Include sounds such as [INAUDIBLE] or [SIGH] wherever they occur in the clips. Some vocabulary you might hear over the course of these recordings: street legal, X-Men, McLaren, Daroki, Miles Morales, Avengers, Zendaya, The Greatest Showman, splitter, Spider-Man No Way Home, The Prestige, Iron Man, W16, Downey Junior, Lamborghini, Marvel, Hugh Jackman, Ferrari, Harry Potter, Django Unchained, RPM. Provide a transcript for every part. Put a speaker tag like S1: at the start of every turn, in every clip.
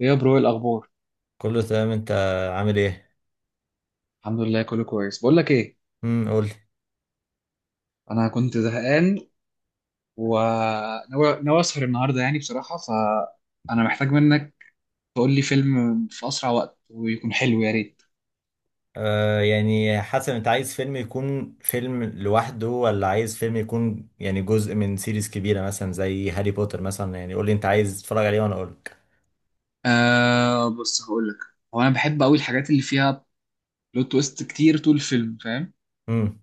S1: ايه يا برو، إيه الاخبار؟
S2: كله تمام، انت عامل ايه؟
S1: الحمد لله كله كويس. بقول لك ايه،
S2: قول.
S1: انا كنت زهقان وناوي ناوي اسهر النهارده، يعني بصراحه فانا محتاج منك تقول لي فيلم في اسرع وقت ويكون حلو يا ريت.
S2: يعني حسب، انت عايز فيلم يكون فيلم لوحده ولا عايز فيلم يكون يعني جزء من سيريز كبيرة، مثلا زي هاري بوتر مثلا. يعني قول لي انت عايز تتفرج عليه وانا اقول لك.
S1: بص هقول لك، هو انا بحب قوي الحاجات اللي فيها بلوت تويست كتير طول الفيلم، فاهم؟
S2: امم.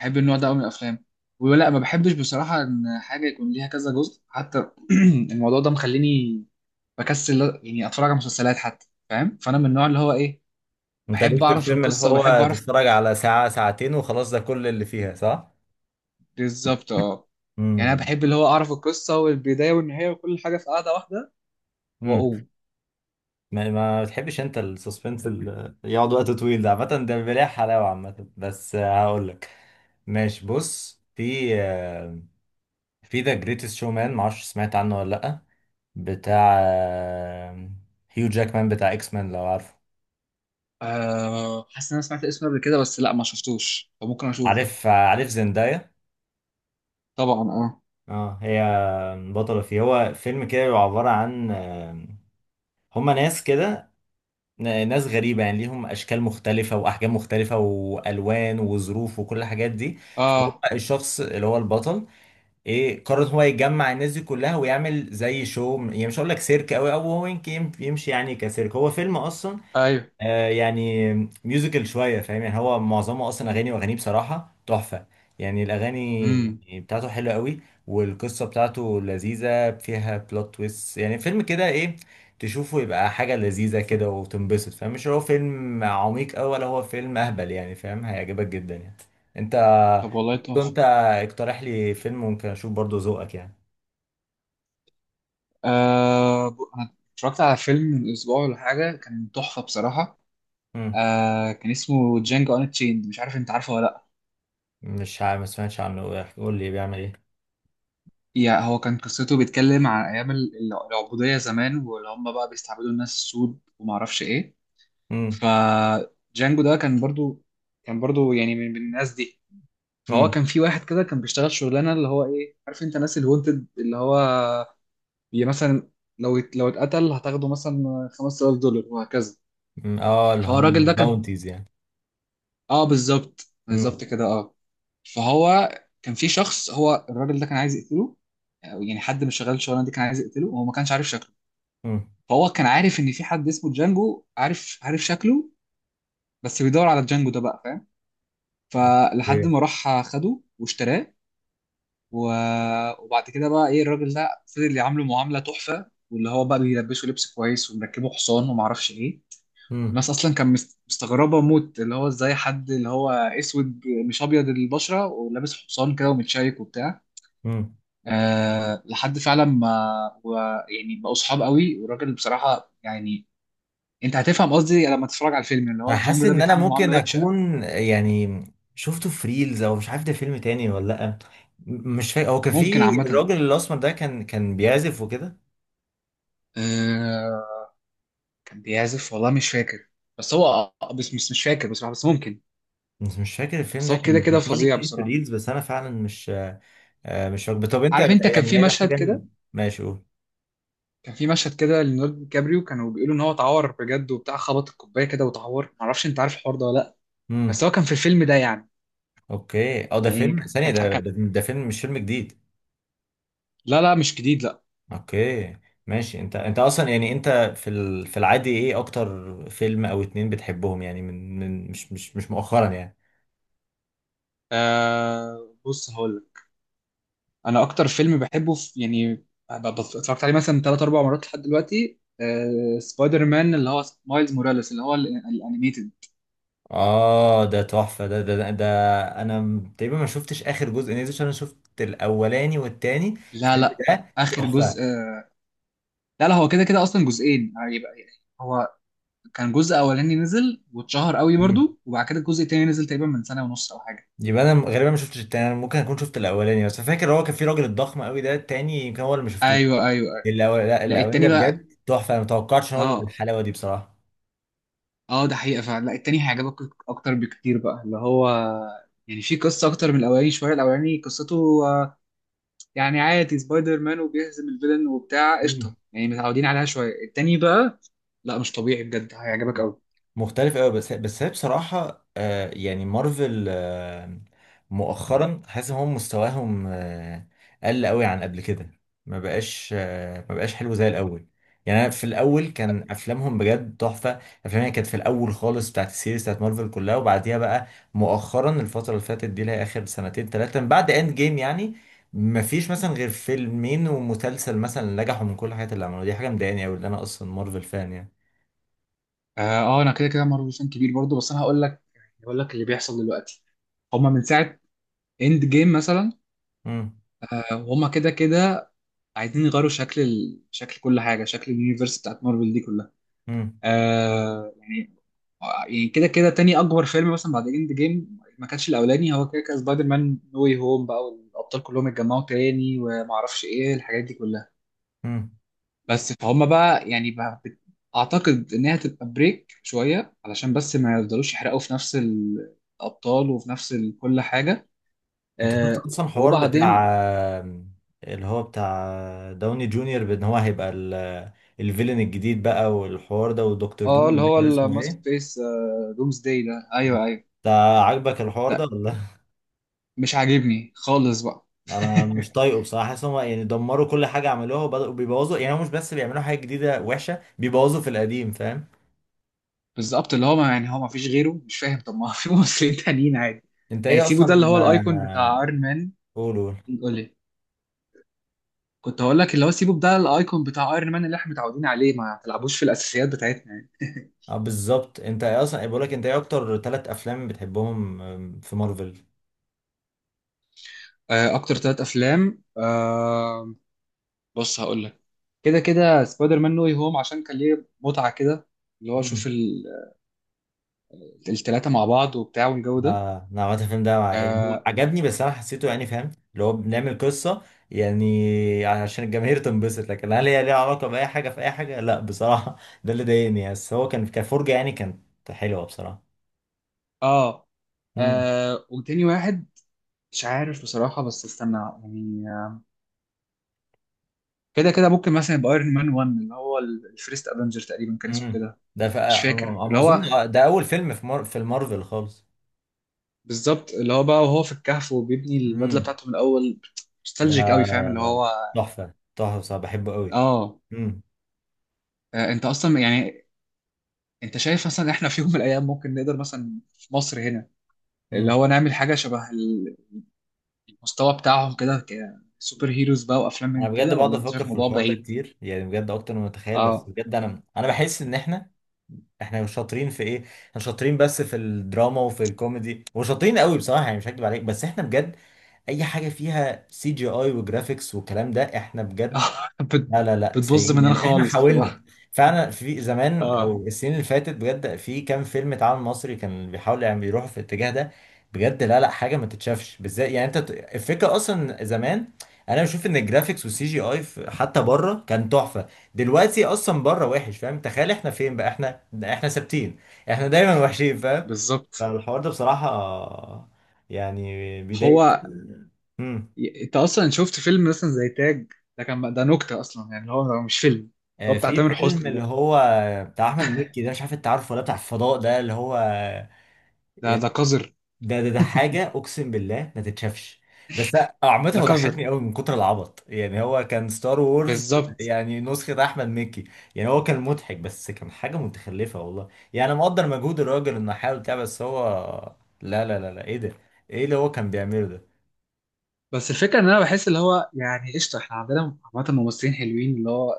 S1: بحب النوع ده قوي من الافلام ولا ما بحبش بصراحه ان حاجه يكون ليها كذا جزء حتى. [CLEARS THROAT] الموضوع ده مخليني بكسل يعني اتفرج على مسلسلات حتى، فاهم؟ فانا من النوع اللي هو ايه،
S2: انت
S1: بحب
S2: ليك في
S1: اعرف
S2: الفيلم اللي
S1: القصه وبحب
S2: هو
S1: اعرف.
S2: تتفرج على ساعة ساعتين وخلاص، ده كل اللي فيها، صح؟
S1: بالظبط اه. يعني انا
S2: امم.
S1: بحب اللي هو اعرف القصه والبدايه والنهايه وكل حاجه في قاعده واحده
S2: امم.
S1: واقوم.
S2: ما بتحبش انت السسبنس اللي يقعد وقت طويل ده، عامة ده بيبقى ليه حلاوة عامة، بس هقول لك. ماشي، بص، في ذا جريتست شو مان، معرفش سمعت عنه ولا لأ. بتاع هيو جاكمان، بتاع اكس مان، لو عارفه.
S1: حاسس ان انا سمعت اسمه قبل كده بس لا ما شفتوش، فممكن اشوفه.
S2: عارف زندايا.
S1: طبعا اه.
S2: اه، هي بطلة فيه. هو فيلم كده بيبقى عبارة عن هما ناس كده، ناس غريبة يعني، ليهم أشكال مختلفة وأحجام مختلفة وألوان وظروف وكل الحاجات دي.
S1: اه.
S2: الشخص اللي هو البطل إيه، قرر هو يجمع الناس دي كلها ويعمل زي شو يعني، مش هقول لك سيرك أوي، أو هو يمكن يمشي يعني كسيرك، هو فيلم أصلا.
S1: ايوه.
S2: يعني ميوزيكال شوية، فاهم؟ يعني هو معظمه أصلا أغاني، وأغانيه بصراحة تحفة. يعني الأغاني،
S1: امم
S2: يعني بتاعته حلوة قوي. والقصة بتاعته لذيذة فيها بلوت تويست، يعني فيلم كده إيه، تشوفه يبقى حاجة لذيذة كده وتنبسط، فاهم؟ مش هو فيلم عميق أوي ولا هو فيلم أهبل، يعني فاهم؟ هيعجبك جدا يعني، أنت.
S1: طب والله
S2: برضه
S1: تحفه.
S2: أنت اقترح لي فيلم ممكن أشوف، برضه ذوقك يعني.
S1: انا اتفرجت على فيلم من اسبوع ولا حاجه، كان تحفه بصراحه.
S2: مم.
S1: كان اسمه جانجو ان تشيند، مش عارف انت عارفه ولا لا.
S2: مش عارف، ما سمعتش عنه، قول لي بيعمل إيه.
S1: يعني هو كان قصته بيتكلم عن ايام العبوديه زمان، واللي هم بقى بيستعبدوا الناس السود وما اعرفش ايه.
S2: مم.
S1: فجانجو ده كان برضو، كان برضو يعني من الناس دي. فهو
S2: مم.
S1: كان في واحد كده كان بيشتغل شغلانه اللي هو ايه، عارف انت ناس الونتد اللي هو بي مثلا، لو لو اتقتل هتاخده مثلا $5000 وهكذا.
S2: مم. اه، اللي
S1: فهو
S2: هم
S1: الراجل ده كان،
S2: باونتيز يعني.
S1: اه بالظبط بالظبط كده اه. فهو كان في شخص، هو الراجل ده كان عايز يقتله، أو يعني حد من شغال الشغلانه دي كان عايز يقتله وهو ما كانش عارف شكله.
S2: امم.
S1: فهو كان عارف ان في حد اسمه جانجو عارف عارف شكله بس بيدور على جانجو ده بقى، فلحد
S2: اوكي.
S1: ما راح خده واشتراه و... وبعد كده بقى ايه، الراجل ده فضل يعامله معامله تحفه، واللي هو بقى بيلبسه لبس كويس ومركبه حصان ومعرفش ايه.
S2: امم.
S1: والناس اصلا كان مستغربه موت اللي هو ازاي حد اللي هو اسود مش ابيض البشره ولابس حصان كده ومتشيك وبتاع.
S2: امم.
S1: أه لحد فعلا ما و... يعني بقوا صحاب قوي. والراجل بصراحه يعني، انت هتفهم قصدي لما تتفرج على الفيلم، اللي
S2: انا
S1: هو
S2: حاسس
S1: جانجو ده
S2: ان انا
S1: بيتعامل معامله
S2: ممكن
S1: وحشه.
S2: اكون يعني شفته في ريلز، او مش عارف ده فيلم تاني ولا لا. مش فاكر هو كان في
S1: ممكن عامه.
S2: الراجل الاسمر ده كان بيعزف وكده.
S1: آه، كان بيعزف والله مش فاكر، بس هو بس مش فاكر بصراحه، بس ممكن.
S2: بس مش فاكر الفيلم
S1: بس
S2: ده،
S1: هو كده
S2: كان
S1: كده
S2: بيطلع لي
S1: فظيع
S2: كتير في
S1: بصراحه.
S2: الريلز، بس انا فعلا مش. مش فاكر. طب انت
S1: عارف انت كان
S2: يعني
S1: في
S2: ما
S1: مشهد
S2: حاجه،
S1: كده،
S2: ماشي قول.
S1: كان في مشهد كده لنورد كابريو، كانوا بيقولوا ان هو اتعور بجد وبتاع، خبط الكوبايه كده واتعور، معرفش انت عارف الحوار ده ولا لا.
S2: امم.
S1: بس هو كان في الفيلم ده يعني.
S2: اوكي، اه ده
S1: يعني
S2: فيلم ثانيه،
S1: كان
S2: ده
S1: كان
S2: ده ده, فيلم مش فيلم جديد.
S1: لا لا مش جديد لا.
S2: اوكي، ماشي. انت اصلا يعني انت في العادي ايه اكتر فيلم او اتنين بتحبهم؟ يعني من مش مؤخرا يعني.
S1: بص هقول لك، انا اكتر فيلم بحبه في يعني، اتفرجت عليه مثلا ثلاث اربع مرات لحد دلوقتي، آه سبايدر مان اللي هو مايلز موراليس، اللي هو الانيميتد.
S2: اه، ده تحفة ده. انا تقريبا ما شفتش اخر جزء نزل، عشان انا شفت الاولاني والتاني.
S1: لا
S2: الفيلم
S1: لا.
S2: ده
S1: اخر
S2: تحفة.
S1: جزء لا لا، هو كده كده اصلا جزئين هيبقى. هو كان جزء اولاني نزل واتشهر قوي
S2: مم.
S1: برضو، وبعد كده الجزء التاني نزل تقريبا من سنه ونص او حاجه.
S2: يبقى انا غالبا ما شفتش التاني، انا ممكن اكون شفت الاولاني بس فاكر هو كان في راجل الضخم قوي ده، التاني يمكن هو اللي ما شفتوش.
S1: ايوه ايوه. ايوه.
S2: لا
S1: لا
S2: الاولاني ده
S1: التاني بقى،
S2: بجد تحفة، انا ما توقعتش ان هو يبقى
S1: اه.
S2: بالحلاوة دي بصراحة.
S1: اه، ده حقيقه فعلا، لا التاني هيعجبك اكتر بكتير بقى. اللي هو يعني في قصه اكتر من الاولاني شويه، الاولاني قصته يعني عادي سبايدر مان وبيهزم الفيلن وبتاع، قشطه يعني متعودين عليها شويه. التاني بقى لا مش طبيعي، بجد
S2: مم.
S1: هيعجبك قوي.
S2: مختلف قوي. بس هي بصراحة يعني مارفل مؤخرا حاسس ان هم مستواهم قل قوي عن قبل كده. ما بقاش حلو زي الاول. يعني انا في الاول كان افلامهم بجد تحفة. افلامها كانت في الاول خالص بتاعت السيريز بتاعت مارفل كلها، وبعديها بقى مؤخرا الفترة اللي فاتت دي، اللي هي اخر سنتين ثلاثة من بعد اند جيم، يعني ما فيش مثلا غير فيلمين ومسلسل مثلا نجحوا من كل الحاجات اللي عملوها. دي حاجة مضايقاني قوي، اللي انا اصلا مارفل فان يعني.
S1: اه. انا كده كده مارفل فان كبير برضو، بس انا هقول لك، هقول لك اللي بيحصل دلوقتي. هما من ساعة اند جيم مثلا،
S2: امم.
S1: وهما كده كده عايزين يغيروا شكل شكل كل حاجه، شكل اليونيفرس بتاعت مارفل دي كلها.
S2: امم.
S1: آه يعني يعني كده كده تاني اكبر فيلم مثلا بعد اند جيم، ما كانش الاولاني هو كده كده، سبايدر مان نو واي هوم بقى، والابطال كلهم اتجمعوا تاني وما اعرفش ايه الحاجات دي كلها.
S2: امم.
S1: بس فهم بقى يعني اعتقد انها تبقى بريك شويه، علشان بس ما يفضلوش يحرقوا في نفس الابطال وفي نفس كل حاجه.
S2: انت شفت
S1: آه،
S2: اصلا حوار بتاع
S1: وبعدين
S2: اللي هو بتاع داوني جونيور بان هو هيبقى الفيلن الجديد بقى، والحوار ده ودكتور دوم،
S1: اه، اللي
S2: مش
S1: هو
S2: عارف اسمه
S1: الماسك
S2: ايه.
S1: فيس دومز داي ده، ايوه ايوه.
S2: انت عاجبك الحوار ده
S1: ده
S2: ولا؟
S1: مش عاجبني خالص بقى.
S2: [LAUGHS] انا مش
S1: [LAUGHS]
S2: طايقه بصراحه، حاسس هم يعني دمروا كل حاجه عملوها وبداوا بيبوظوا. يعني هم مش بس بيعملوا حاجه جديده وحشه، بيبوظوا في القديم، فاهم؟
S1: بالظبط، اللي هو ما يعني هو ما فيش غيره؟ مش فاهم، طب ما في [LAUGHS] ممثلين تانيين عادي.
S2: انت
S1: يعني
S2: ايه
S1: سيبوا ده اللي
S2: اصلا
S1: هو الايكون بتاع ايرون مان.
S2: قول قول.
S1: قول لي. كنت هقول لك اللي هو سيبوا ده الايكون بتاع ايرون مان اللي احنا متعودين عليه، ما تلعبوش في الاساسيات بتاعتنا يعني. [LAUGHS]
S2: اه بالظبط، انت ايه اصلا، بقول لك انت ايه اكتر ثلاث افلام بتحبهم في مارفل.
S1: اكتر ثلاث افلام بص هقول لك، كده كده سبايدر مان نو واي هوم عشان كان ليه متعة كده، اللي هو اشوف الثلاثة مع بعض وبتاع والجو ده.
S2: اه، انا عملت الفيلم ده مع، يعني هو
S1: آه،
S2: عجبني بس انا حسيته يعني، فاهم اللي هو بنعمل قصه يعني عشان الجماهير تنبسط، لكن هل هي ليها علاقه باي حاجه في اي حاجه؟ لا بصراحه [LAUGHS] ده اللي ضايقني يعني. بس هو كان كفرجه يعني، كانت حلوه بصراحه.
S1: اه.
S2: امم.
S1: وتاني واحد مش عارف بصراحة بس استنى يعني، كده كده ممكن مثلا يبقى ايرون مان 1 اللي هو الفيرست افنجر تقريبا كان اسمه
S2: امم.
S1: كده.
S2: ده
S1: مش فاكر
S2: أنا
S1: اللي
S2: اظن
S1: هو،
S2: ده اول فيلم في في المارفل خالص.
S1: بالظبط اللي هو بقى، وهو في الكهف وبيبني البدلة
S2: امم،
S1: بتاعته من الأول.
S2: ده
S1: نوستالجيك قوي، فاهم اللي هو.
S2: تحفه تحفه بصراحه، بحبه قوي.
S1: اه.
S2: امم.
S1: انت اصلا يعني، انت شايف مثلا احنا في يوم من الايام ممكن نقدر مثلا في مصر هنا اللي
S2: امم.
S1: هو نعمل حاجة شبه المستوى بتاعهم كده، كسوبر هيروز بقى وافلام من
S2: انا بجد
S1: كده؟
S2: بقعد
S1: ولا انت شايف
S2: افكر في
S1: الموضوع
S2: الحوار ده
S1: بعيد؟
S2: كتير، يعني بجد اكتر ما اتخيل، بس
S1: اه.
S2: بجد انا بحس ان احنا مش شاطرين في ايه. احنا شاطرين بس في الدراما وفي الكوميدي، وشاطرين قوي بصراحه يعني، مش هكدب عليك. بس احنا بجد اي حاجه فيها سي جي اي وجرافيكس والكلام ده، احنا بجد
S1: [LAUGHS] بت-
S2: لا لا لا،
S1: بتبوظ
S2: سيئين
S1: مننا
S2: يعني. احنا
S1: خالص،
S2: حاولنا
S1: بتبقى.
S2: فعلا في زمان،
S1: اه
S2: او السنين اللي فاتت، بجد في كام فيلم اتعمل مصري كان بيحاول يعني، بيروحوا في الاتجاه ده. بجد لا لا، حاجه ما تتشافش بالذات يعني، انت الفكره اصلا زمان. انا بشوف ان الجرافيكس والسي جي اي حتى بره كان تحفه. دلوقتي اصلا بره وحش، فاهم؟ تخيل احنا فين بقى، احنا ثابتين. احنا دايما وحشين، فاهم؟
S1: بالظبط.
S2: فالحوار ده بصراحه يعني بيضايق.
S1: هو
S2: امم.
S1: انت اصلا شفت فيلم مثلا زي تاج؟ ده كان ده نكته اصلا، يعني اللي هو هو مش فيلم. هو بتاع
S2: في
S1: تامر
S2: فيلم
S1: حسني
S2: اللي
S1: ده،
S2: هو بتاع احمد مكي ده، مش عارف انت عارفه ولا، بتاع الفضاء ده اللي هو
S1: ده ده
S2: يعني
S1: قذر.
S2: ده حاجه، اقسم بالله ما تتشافش. بس عامه
S1: لا
S2: هو
S1: قذر،
S2: ضحكني قوي من كتر العبط، يعني هو كان ستار وورز،
S1: بالظبط.
S2: يعني نسخه احمد مكي. يعني هو كان مضحك بس كان حاجه متخلفه والله. يعني انا مقدر مجهود الراجل انه حاول بتاع، بس هو لا لا لا لا، ايه ده؟ ايه اللي هو كان بيعمله ده؟
S1: بس الفكره ان انا بحس اللي هو يعني قشطه، احنا عندنا عامه ممثلين حلوين اللي هو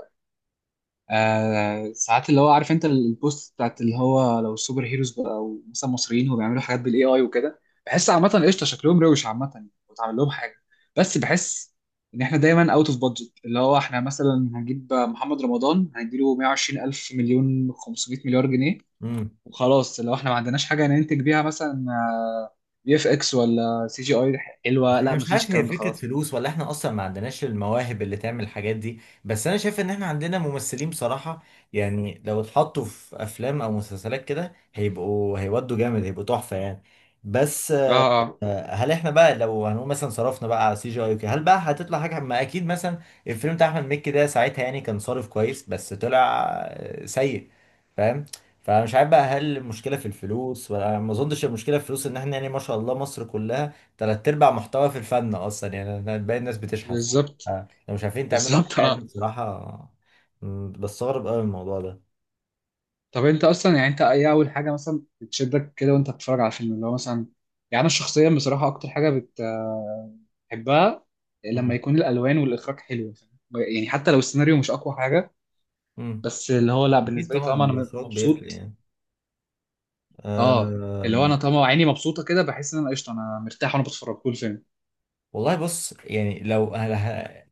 S1: آه، ساعات اللي هو عارف انت البوست بتاعت اللي هو لو السوبر هيروز بقى، او مثلا مصريين هو بيعملوا حاجات بالاي اي وكده، بحس عامه قشطه شكلهم روش عامه وتعمل لهم حاجه. بس بحس ان احنا دايما اوت اوف بادجت، اللي هو احنا مثلا هنجيب محمد رمضان هنديله 120 الف مليون 500 مليار جنيه
S2: امم.
S1: وخلاص. لو احنا ما عندناش حاجه ننتج بيها مثلا بي اف اكس ولا سي جي اي حلوه،
S2: يعني انا
S1: لا
S2: مش
S1: مفيش
S2: عارف، هي
S1: الكلام ده
S2: فكرة
S1: خلاص.
S2: فلوس ولا احنا اصلا ما عندناش المواهب اللي تعمل الحاجات دي، بس انا شايف ان احنا عندنا ممثلين بصراحة. يعني لو اتحطوا في افلام او مسلسلات كده هيبقوا، هيودوا جامد، هيبقوا تحفة يعني. بس
S1: اه اه.
S2: هل احنا بقى لو هنقول مثلا صرفنا بقى على سي جي اي وكده، هل بقى هتطلع حاجه؟ ما اكيد مثلا الفيلم بتاع احمد مكي ده، ساعتها يعني كان صارف كويس بس طلع سيء، فاهم؟ فمش عارف بقى هل المشكله في الفلوس، ولا ما اظنش المشكله في الفلوس، ان احنا يعني ما شاء الله مصر كلها تلات ارباع محتوى في الفن اصلا، يعني باقي الناس بتشحت.
S1: بالظبط
S2: لو مش عارفين تعملوا حاجه،
S1: بالظبط
S2: عادل
S1: اه.
S2: بصراحه. بستغرب قوي الموضوع ده.
S1: طب انت اصلا يعني، انت ايه اول حاجه مثلا بتشدك كده وانت بتتفرج على الفيلم اللي هو مثلا؟ يعني انا شخصيا بصراحه اكتر حاجه بحبها لما
S2: مم.
S1: يكون الالوان والاخراج حلو، فاهم؟ يعني حتى لو السيناريو مش اقوى حاجه،
S2: مم.
S1: بس اللي هو لا
S2: اكيد
S1: بالنسبه لي
S2: طبعا،
S1: طالما انا
S2: الاخراج بيفرق
S1: مبسوط.
S2: يعني.
S1: اه،
S2: آه،
S1: اللي هو انا طالما عيني مبسوطه كده، بحس ان انا قشطه، انا مرتاح وانا بتفرج طول الفيلم.
S2: والله بص، يعني لو أنا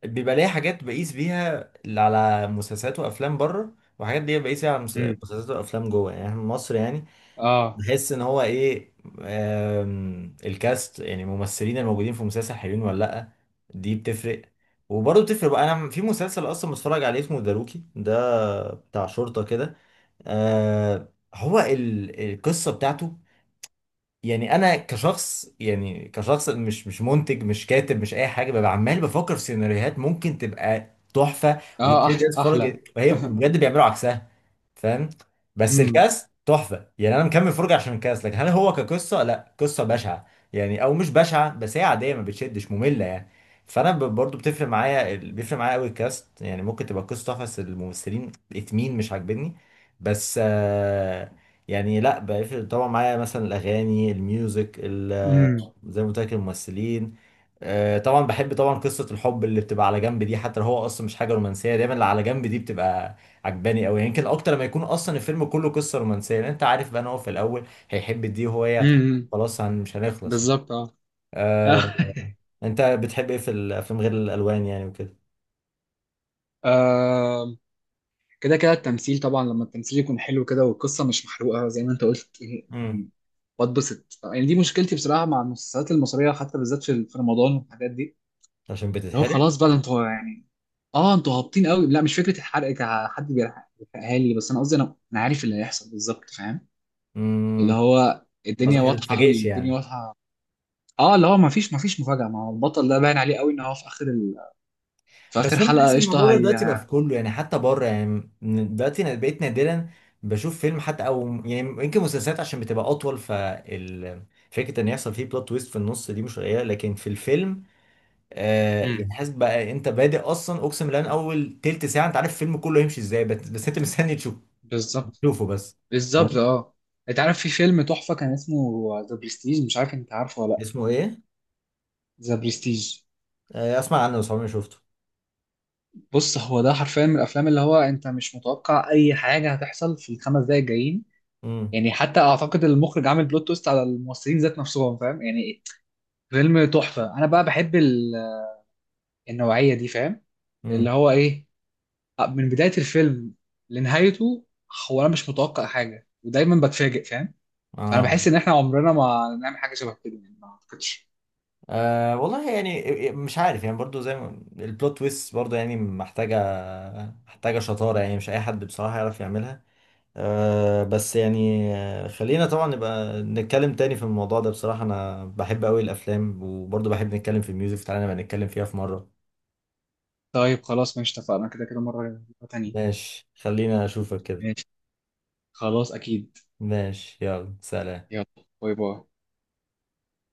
S2: بيبقى ليا حاجات بقيس بيها على مسلسلات وافلام بره، وحاجات دي بقيس بيها على
S1: امم.
S2: مسلسلات وافلام جوه يعني، احنا في مصر يعني.
S1: اه
S2: بحس ان هو ايه، الكاست يعني الممثلين الموجودين في المسلسل حلوين ولا لا، دي بتفرق. وبرضه بتفرق بقى. انا في مسلسل اصلا بتفرج عليه اسمه داروكي ده، بتاع شرطة كده. هو القصة بتاعته، يعني انا كشخص، يعني كشخص مش منتج مش كاتب مش اي حاجه، ببقى عمال بفكر في سيناريوهات ممكن تبقى تحفه
S1: اه.
S2: وتشد
S1: أح،
S2: الناس تتفرج،
S1: احلى.
S2: وهي بجد بيعملوا عكسها، فاهم؟ بس
S1: امم.
S2: الكاس تحفه، يعني انا مكمل فرجه عشان الكاس. لكن هل هو كقصه؟ لا، قصه بشعه. يعني او مش بشعه بس هي عاديه، ما بتشدش، ممله يعني. فانا برضو بتفرق معايا، بيفرق معايا قوي الكاست، يعني ممكن تبقى قصه تحفه بس الممثلين اتنين مش عاجبني. بس يعني لا بقى، طبعا معايا مثلا الاغاني الميوزك
S1: امم.
S2: زي ما قلت لك الممثلين. طبعا بحب، طبعا قصه الحب اللي بتبقى على جنب دي، حتى لو هو اصلا مش حاجه رومانسيه دايما اللي على جنب دي بتبقى عجباني قوي، يمكن اكتر ما يكون اصلا الفيلم كله قصه رومانسيه، لان انت عارف بقى ان هو في الاول هيحب دي وهو هي هتحبه.
S1: امم.
S2: خلاص، مش هنخلص يعني.
S1: بالظبط اه.
S2: آه،
S1: [LAUGHS]
S2: انت بتحب ايه في الافلام غير الالوان يعني وكده؟
S1: آه، كده كده التمثيل طبعا لما التمثيل يكون حلو كده، والقصة مش محروقة زي ما انت قلت.
S2: امم
S1: م- بتبسط يعني. دي مشكلتي بصراحة مع المسلسلات المصرية، حتى بالذات في رمضان والحاجات دي،
S2: عشان
S1: اللي هو
S2: بتتحرق.
S1: خلاص بقى ده انتوا يعني، اه انتوا هابطين قوي. لا مش فكرة الحرق كحد بيحرقها لي، بس انا قصدي انا عارف اللي هيحصل بالظبط، فاهم؟ اللي
S2: امم
S1: هو الدنيا
S2: قصدك ما
S1: واضحة قوي،
S2: تتفاجئش
S1: الدنيا
S2: يعني.
S1: واضحة. اه اللي هو ما فيش مفاجأة، ما هو البطل ده باين عليه قوي ان هو في اخر في اخر
S2: بس انا بحس
S1: حلقة
S2: ان الموضوع
S1: قشطة
S2: ده
S1: هي.
S2: دلوقتي بقى في كله يعني، حتى بره يعني، دلوقتي انا بقيت نادرا بشوف فيلم حتى، او يعني يمكن مسلسلات عشان بتبقى اطول، ففكره ان يحصل فيه بلوت تويست في النص دي مش قليله، لكن في الفيلم
S1: امم.
S2: يعني حاسس بقى انت بادئ اصلا، اقسم بالله من اول تلت ساعه انت عارف الفيلم كله هيمشي ازاي، بس انت مستني تشوف،
S1: بالظبط
S2: تشوفه بس.
S1: بالظبط
S2: تمام؟
S1: اه. انت عارف في فيلم تحفه كان اسمه ذا برستيج، مش عارف انت عارفه ولا لا؟
S2: اسمه ايه؟
S1: ذا برستيج.
S2: آه اسمع عنه بس عمري ما شفته.
S1: بص هو ده حرفيا من الافلام اللي هو انت مش متوقع اي حاجه هتحصل في الخمس دقايق الجايين.
S2: امم.
S1: يعني حتى اعتقد المخرج عامل بلوت تويست على الممثلين ذات نفسهم، فاهم يعني؟ فيلم تحفه. انا بقى بحب النوعيه دي، فاهم؟ اللي
S2: امم.
S1: هو ايه، من بدايه الفيلم لنهايته، هو انا مش متوقع حاجه ودايما بتفاجئ، فاهم؟ انا
S2: اه.
S1: بحس ان احنا عمرنا ما نعمل حاجه شبه كده يعني، ما اعتقدش.
S2: أه والله يعني، مش عارف يعني، برضو زي ما البلوت تويست برضو يعني، محتاجة شطارة يعني، مش أي حد بصراحة يعرف يعملها. أه بس يعني، خلينا طبعا نبقى نتكلم تاني في الموضوع ده بصراحة، أنا بحب أوي الأفلام وبرضو بحب نتكلم في الميوزك، تعالى نبقى نتكلم فيها في مرة.
S1: طيب خلاص ماشي، اتفقنا كده كده مرة، مرة تانية.
S2: ماشي، خلينا أشوفك كده.
S1: ماشي. خلاص أكيد.
S2: ماشي، يلا سلام.
S1: يلا، باي باي.